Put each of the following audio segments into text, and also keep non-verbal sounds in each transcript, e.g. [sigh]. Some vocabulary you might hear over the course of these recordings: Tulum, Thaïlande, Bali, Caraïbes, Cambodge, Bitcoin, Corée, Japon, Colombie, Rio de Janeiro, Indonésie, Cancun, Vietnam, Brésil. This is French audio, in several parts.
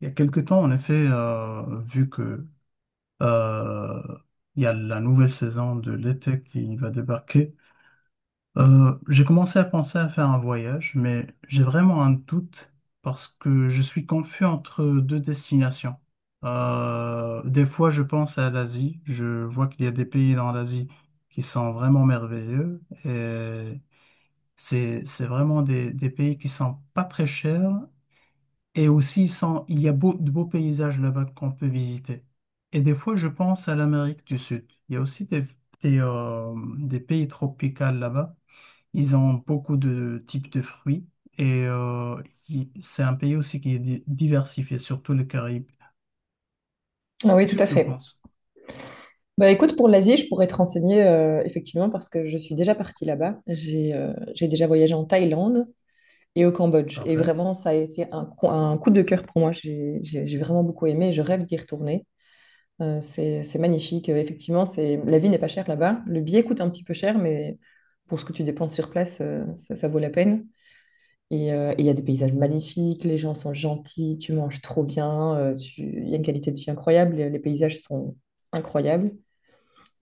Il y a quelque temps, en effet, vu que euh, il y a la nouvelle saison de l'été qui va débarquer, j'ai commencé à penser à faire un voyage, mais j'ai vraiment un doute parce que je suis confus entre deux destinations. Des fois, je pense à l'Asie, je vois qu'il y a des pays dans l'Asie qui sont vraiment merveilleux et c'est vraiment des pays qui sont pas très chers et aussi, sans, il y a de beaux paysages là-bas qu'on peut visiter. Et des fois, je pense à l'Amérique du Sud. Il y a aussi des pays tropicaux là-bas. Ils ont beaucoup de types de fruits. Et euh, c'est un pays aussi qui est diversifié, surtout les Caraïbes. Ah oui, tout Qu'est-ce que à tu en fait. penses? Bah écoute, pour l'Asie, je pourrais te renseigner effectivement parce que je suis déjà partie là-bas. J'ai déjà voyagé en Thaïlande et au Cambodge. Et Parfait. vraiment, ça a été un coup de cœur pour moi. J'ai vraiment beaucoup aimé. Je rêve d'y retourner. C'est magnifique. Effectivement, c'est la vie n'est pas chère là-bas. Le billet coûte un petit peu cher, mais pour ce que tu dépenses sur place, ça, ça vaut la peine. Et il y a des paysages magnifiques, les gens sont gentils, tu manges trop bien, il y a une qualité de vie incroyable, les paysages sont incroyables.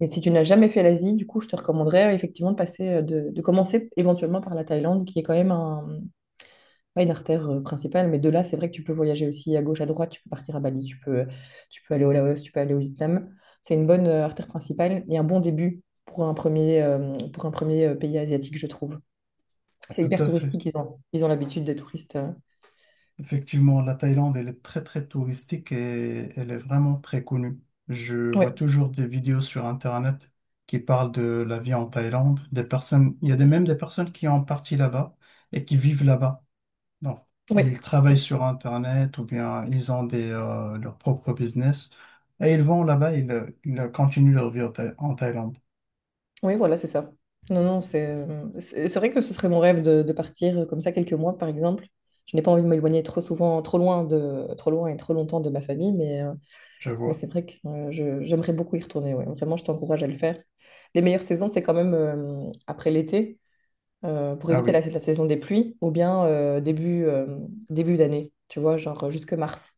Et si tu n'as jamais fait l'Asie, du coup, je te recommanderais effectivement de de commencer éventuellement par la Thaïlande, qui est quand même un, pas une artère principale, mais de là, c'est vrai que tu peux voyager aussi à gauche, à droite, tu peux partir à Bali, tu peux aller au Laos, tu peux aller au Vietnam. C'est une bonne artère principale et un bon début pour pour un premier pays asiatique, je trouve. C'est Tout hyper à fait. touristique, ils ont l'habitude des touristes. Effectivement, la Thaïlande, elle est très très touristique et elle est vraiment très connue. Je vois Ouais toujours des vidéos sur Internet qui parlent de la vie en Thaïlande. Des personnes, il y a même des personnes qui ont parti là-bas et qui vivent là-bas. Donc, ouais. ils travaillent sur Internet ou bien ils ont leur propre business et ils vont là-bas, ils continuent leur vie en en Thaïlande. Oui, voilà, c'est ça. Non, non, c'est c'est vrai que ce serait mon rêve de partir comme ça quelques mois, par exemple. Je n'ai pas envie de m'éloigner trop souvent, trop loin et trop longtemps de ma famille, Je mais vois. c'est vrai que j'aimerais beaucoup y retourner. Ouais. Vraiment, je t'encourage à le faire. Les meilleures saisons, c'est quand même après l'été, pour Ah éviter oui. la saison des pluies, ou bien début d'année, tu vois, jusque mars.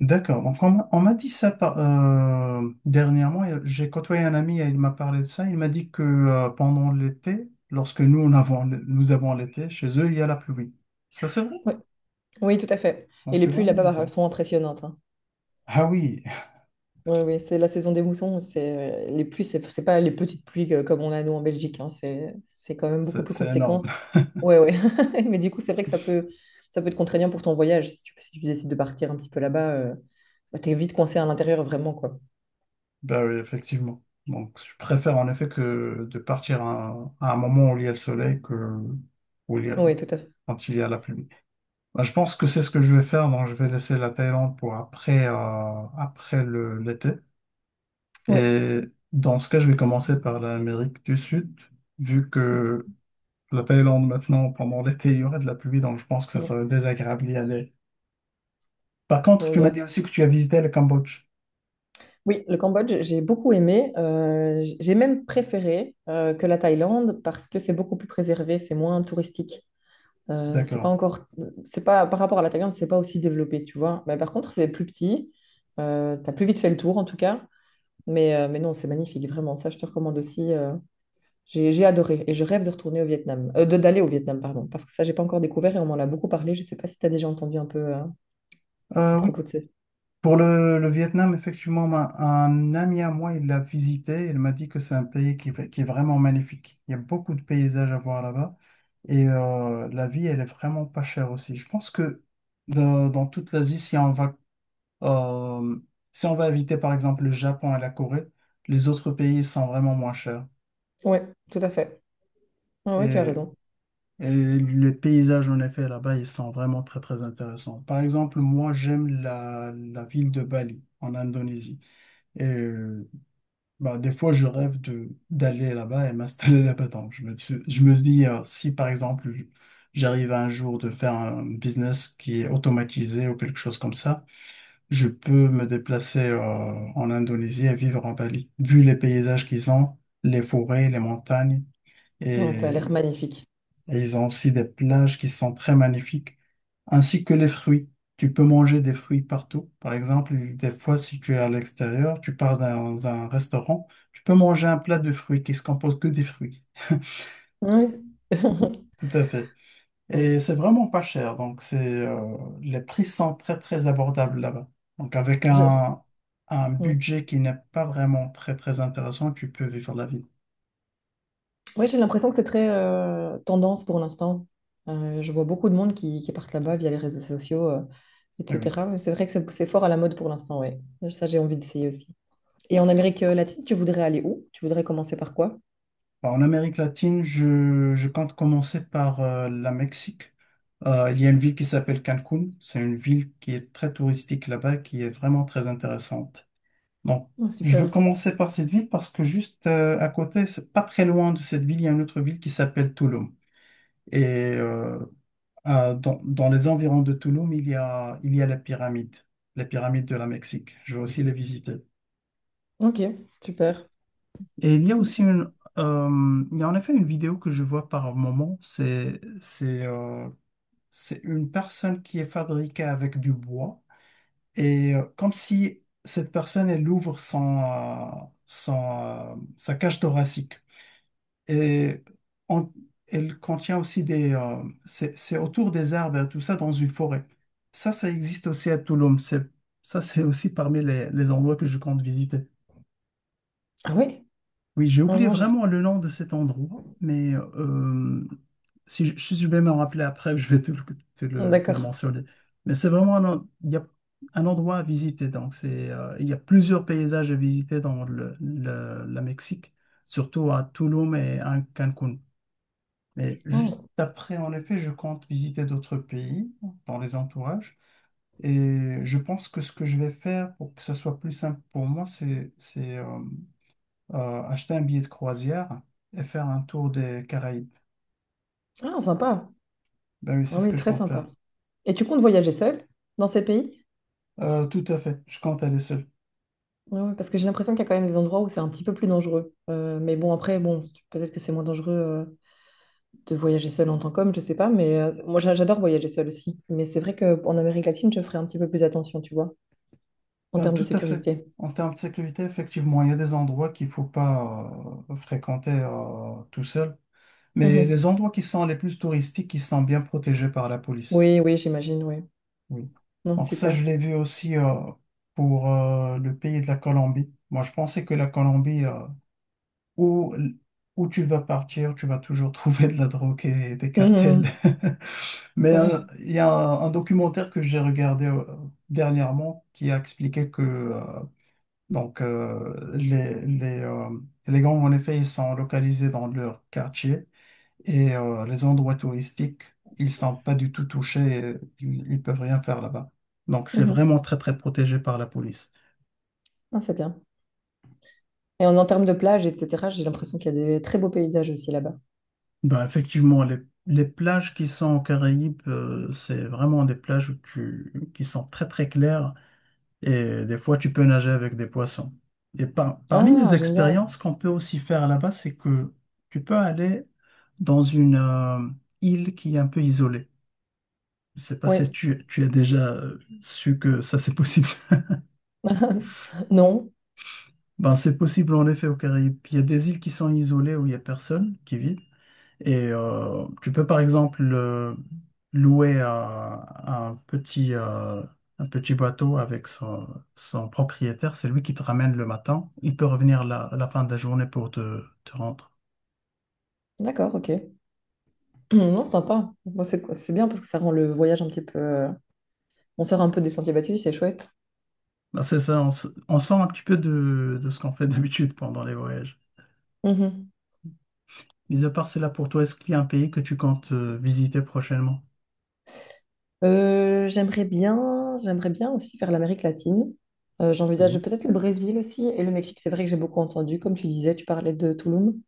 D'accord. Donc, on m'a dit ça dernièrement. Et j'ai côtoyé un ami et il m'a parlé de ça. Il m'a dit que pendant l'été, lorsque nous avons l'été, chez eux, il y a la pluie. Ça, c'est vrai? Oui, oui, tout à fait. Non, Et les c'est pluies vraiment là-bas, bah, elles bizarre. sont impressionnantes, hein. Ah oui, Oui, oui, c'est la saison des moussons. C'est les pluies, c'est pas les petites pluies comme on a nous en Belgique. Hein, c'est quand [laughs] même beaucoup c'est plus c'est énorme. conséquent. [laughs] Ouais, ouais. [laughs] Mais du coup, c'est vrai que ça peut être contraignant pour ton voyage si tu décides de partir un petit peu là-bas. Bah, t'es vite coincé à l'intérieur vraiment quoi. Ben oui, effectivement. Donc, je préfère en effet que de partir à un moment où il y a le soleil que où il y a- Oui, tout à fait. quand il y a la pluie. Ben, je pense que c'est ce que je vais faire. Donc, je vais laisser la Thaïlande pour après, l'été. Oui. Et dans ce cas, je vais commencer par l'Amérique du Sud, vu que la Thaïlande maintenant, pendant l'été, il y aura de la pluie, donc je pense que ça Mm. serait désagréable d'y aller. Par On contre, tu m'as revient. dit aussi que tu as visité le Cambodge. Oui, le Cambodge, j'ai beaucoup aimé. J'ai même préféré que la Thaïlande parce que c'est beaucoup plus préservé, c'est moins touristique. Euh, c'est pas D'accord. encore, c'est pas par rapport à la Thaïlande, c'est pas aussi développé, tu vois. Mais par contre, c'est plus petit. T'as plus vite fait le tour en tout cas. Mais non, c'est magnifique, vraiment. Ça, je te recommande aussi. J'ai adoré et je rêve de retourner au Vietnam, de d'aller au Vietnam, pardon, parce que ça, j'ai pas encore découvert et on m'en a beaucoup parlé. Je sais pas si tu as déjà entendu un peu à Oui. propos de ça. Pour le Vietnam, effectivement, un ami à moi, il l'a visité. Il m'a dit que c'est un pays qui est vraiment magnifique. Il y a beaucoup de paysages à voir là-bas. La vie, elle est vraiment pas chère aussi. Je pense que dans toute l'Asie, Euh, si on va inviter par exemple le Japon et la Corée, les autres pays sont vraiment moins chers. Oui, tout à fait. Et, Oui, tu as raison. et les paysages en effet là-bas, ils sont vraiment très très intéressants. Par exemple, moi j'aime la ville de Bali en Indonésie. Et euh, des fois je rêve de d'aller là-bas et m'installer là-bas. Donc, je me dis, si par exemple j'arrive un jour de faire un business qui est automatisé ou quelque chose comme ça, je peux me déplacer en Indonésie et vivre en Bali. Vu les paysages qu'ils ont, les forêts, les montagnes, Ouais, ça a l'air et, magnifique. et ils ont aussi des plages qui sont très magnifiques, ainsi que les fruits. Tu peux manger des fruits partout. Par exemple, des fois, si tu es à l'extérieur, tu pars dans un restaurant, tu peux manger un plat de fruits qui se compose que des fruits. Oui. [laughs] Tout à fait. Mm. Et c'est vraiment pas cher. Les prix sont très, très abordables là-bas. Donc, avec Je- je- un, un ouais. budget qui n'est pas vraiment très, très intéressant, tu peux vivre la vie. Oui, j'ai l'impression que c'est très tendance pour l'instant. Je vois beaucoup de monde qui partent là-bas via les réseaux sociaux, Eh oui. etc. Mais c'est vrai que c'est fort à la mode pour l'instant, oui. Ça, j'ai envie d'essayer aussi. Et en Amérique latine, tu voudrais aller où? Tu voudrais commencer par quoi? Bah, en Amérique latine, je compte commencer par la Mexique. Il y a une ville qui s'appelle Cancun. C'est une ville qui est très touristique là-bas, qui est vraiment très intéressante. Donc, Oh, je veux super. commencer par cette ville parce que juste à côté, c'est pas très loin de cette ville, il y a une autre ville qui s'appelle Tulum. Et euh, Dans les environs de Tulum, il y a les pyramides de la Mexique. Je vais aussi les visiter. Ok, super. Et il y a aussi il y a en effet une vidéo que je vois par moment. C'est une personne qui est fabriquée avec du bois et comme si cette personne elle ouvre sa cage thoracique. Et on- Elle contient aussi des... c'est autour des arbres et tout ça dans une forêt. Ça existe aussi à Tulum. Ça, c'est aussi parmi les endroits que je compte visiter. Ah oui, Oui, j'ai en oublié Angers. vraiment le nom de cet endroit, mais si si je vais me rappeler après, [laughs] je vais te le D'accord. mentionner. Mais c'est vraiment il y a un endroit à visiter. Il y a plusieurs paysages à visiter dans la Mexique, surtout à Tulum et à Cancun. Mais Oh, juste s-. après, en effet, je compte visiter d'autres pays dans les entourages. Et je pense que ce que je vais faire pour que ça soit plus simple pour moi, c'est acheter un billet de croisière et faire un tour des Caraïbes. Ah, sympa. Ben oui, c'est Ah ce oui, que je très compte faire. sympa. Et tu comptes voyager seul dans ces pays? Tout à fait, je compte aller seul. Ah ouais, parce que j'ai l'impression qu'il y a quand même des endroits où c'est un petit peu plus dangereux. Mais bon, après, bon, peut-être que c'est moins dangereux de voyager seul en tant qu'homme, je sais pas, mais j'adore voyager seul aussi. Mais c'est vrai qu'en Amérique latine, je ferai un petit peu plus attention, tu vois, en Ben, termes de tout à fait. sécurité. En termes de sécurité, effectivement, il y a des endroits qu'il ne faut pas fréquenter tout seul. Mais Mhm. les endroits qui sont les plus touristiques, ils sont bien protégés par la police. Oui, oui, j'imagine, oui. Oui. Non, Donc ça, je super. l'ai vu aussi pour le pays de la Colombie. Moi, je pensais que la Colombie, où, où tu vas partir, tu vas toujours [laughs] trouver de la drogue et des cartels. Mhm. [laughs] Mais Ouais. il y a un documentaire que j'ai regardé dernièrement qui a expliqué que donc, euh, les, les, euh, les gangs, en effet, ils sont localisés dans leur quartier. Et les endroits touristiques, ils sont pas du tout touchés, ils peuvent rien faire là-bas. Donc c'est Mhm. vraiment très très protégé par la police. Ah, c'est bien. Et en termes de plage, etc., j'ai l'impression qu'il y a des très beaux paysages aussi là-bas. Ben effectivement, les plages qui sont aux Caraïbes, c'est vraiment des plages qui sont très très claires et des fois tu peux nager avec des poissons. Et parmi les Ah, génial. expériences qu'on peut aussi faire là-bas, c'est que tu peux aller dans une île qui est un peu isolée. Je sais pas Oui. si tu as déjà su que ça c'est possible. [laughs] Non. Ben, c'est possible en effet aux Caraïbes. Il y a des îles qui sont isolées où il n'y a personne qui vit. Et tu peux par exemple louer à un petit, euh, un petit bateau avec son propriétaire. C'est lui qui te ramène le matin. Il peut revenir à la fin de la journée pour te rendre. D'accord, ok. [clears throat] Non, sympa. Bon, c'est bien parce que ça rend le voyage un petit peu... On sort un peu des sentiers battus, c'est chouette. Ben, c'est ça, on sort un petit peu de ce qu'on fait [laughs] d'habitude pendant les voyages. Mhm. Mis à part cela, pour toi, est-ce qu'il y a un pays que tu comptes visiter prochainement? J'aimerais bien aussi faire l'Amérique latine. J'envisage Oui, peut-être le Brésil aussi et le Mexique. C'est vrai que j'ai beaucoup entendu, comme tu disais, tu parlais de Tulum.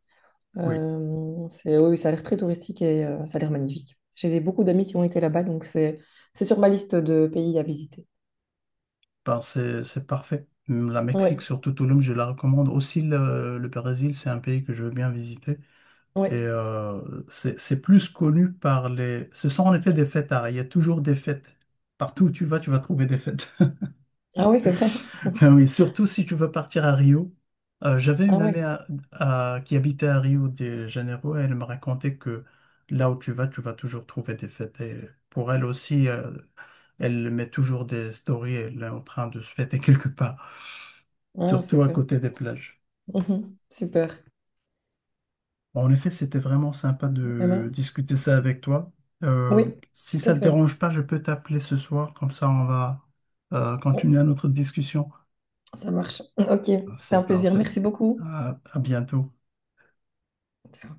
oui. C'est, oui, oui, ça a l'air très touristique et ça a l'air magnifique. Beaucoup d'amis qui ont été là-bas, donc c'est sur ma liste de pays à visiter. Ben, c'est parfait. La Oui, Mexique, surtout Tulum, je la recommande. Aussi, le Brésil, c'est un pays que je veux bien visiter. oui. Et euh, c'est plus connu par les... Ce sont en effet des fêtes, il y a toujours des fêtes. Partout où tu vas trouver des fêtes. [laughs] Ah oui, c'est vrai. Ben oui, surtout si tu veux partir à Rio. J'avais Ah une amie oui. Qui habitait à Rio de Janeiro et elle me racontait que là où tu vas toujours trouver des fêtes. Et pour elle aussi, elle met toujours des stories, elle est en train de se fêter [laughs] quelque part Ah, surtout à super. côté des plages. Mhm. Super. Bon, en effet, c'était vraiment sympa de Emma? discuter ça avec toi. Euh, Oui, si tout ça à te fait. dérange pas, je peux t'appeler ce soir, comme ça on va Bon, continuer notre discussion. ça marche. Ok, c'était un C'est plaisir. parfait. Merci beaucoup. À à bientôt. Ciao.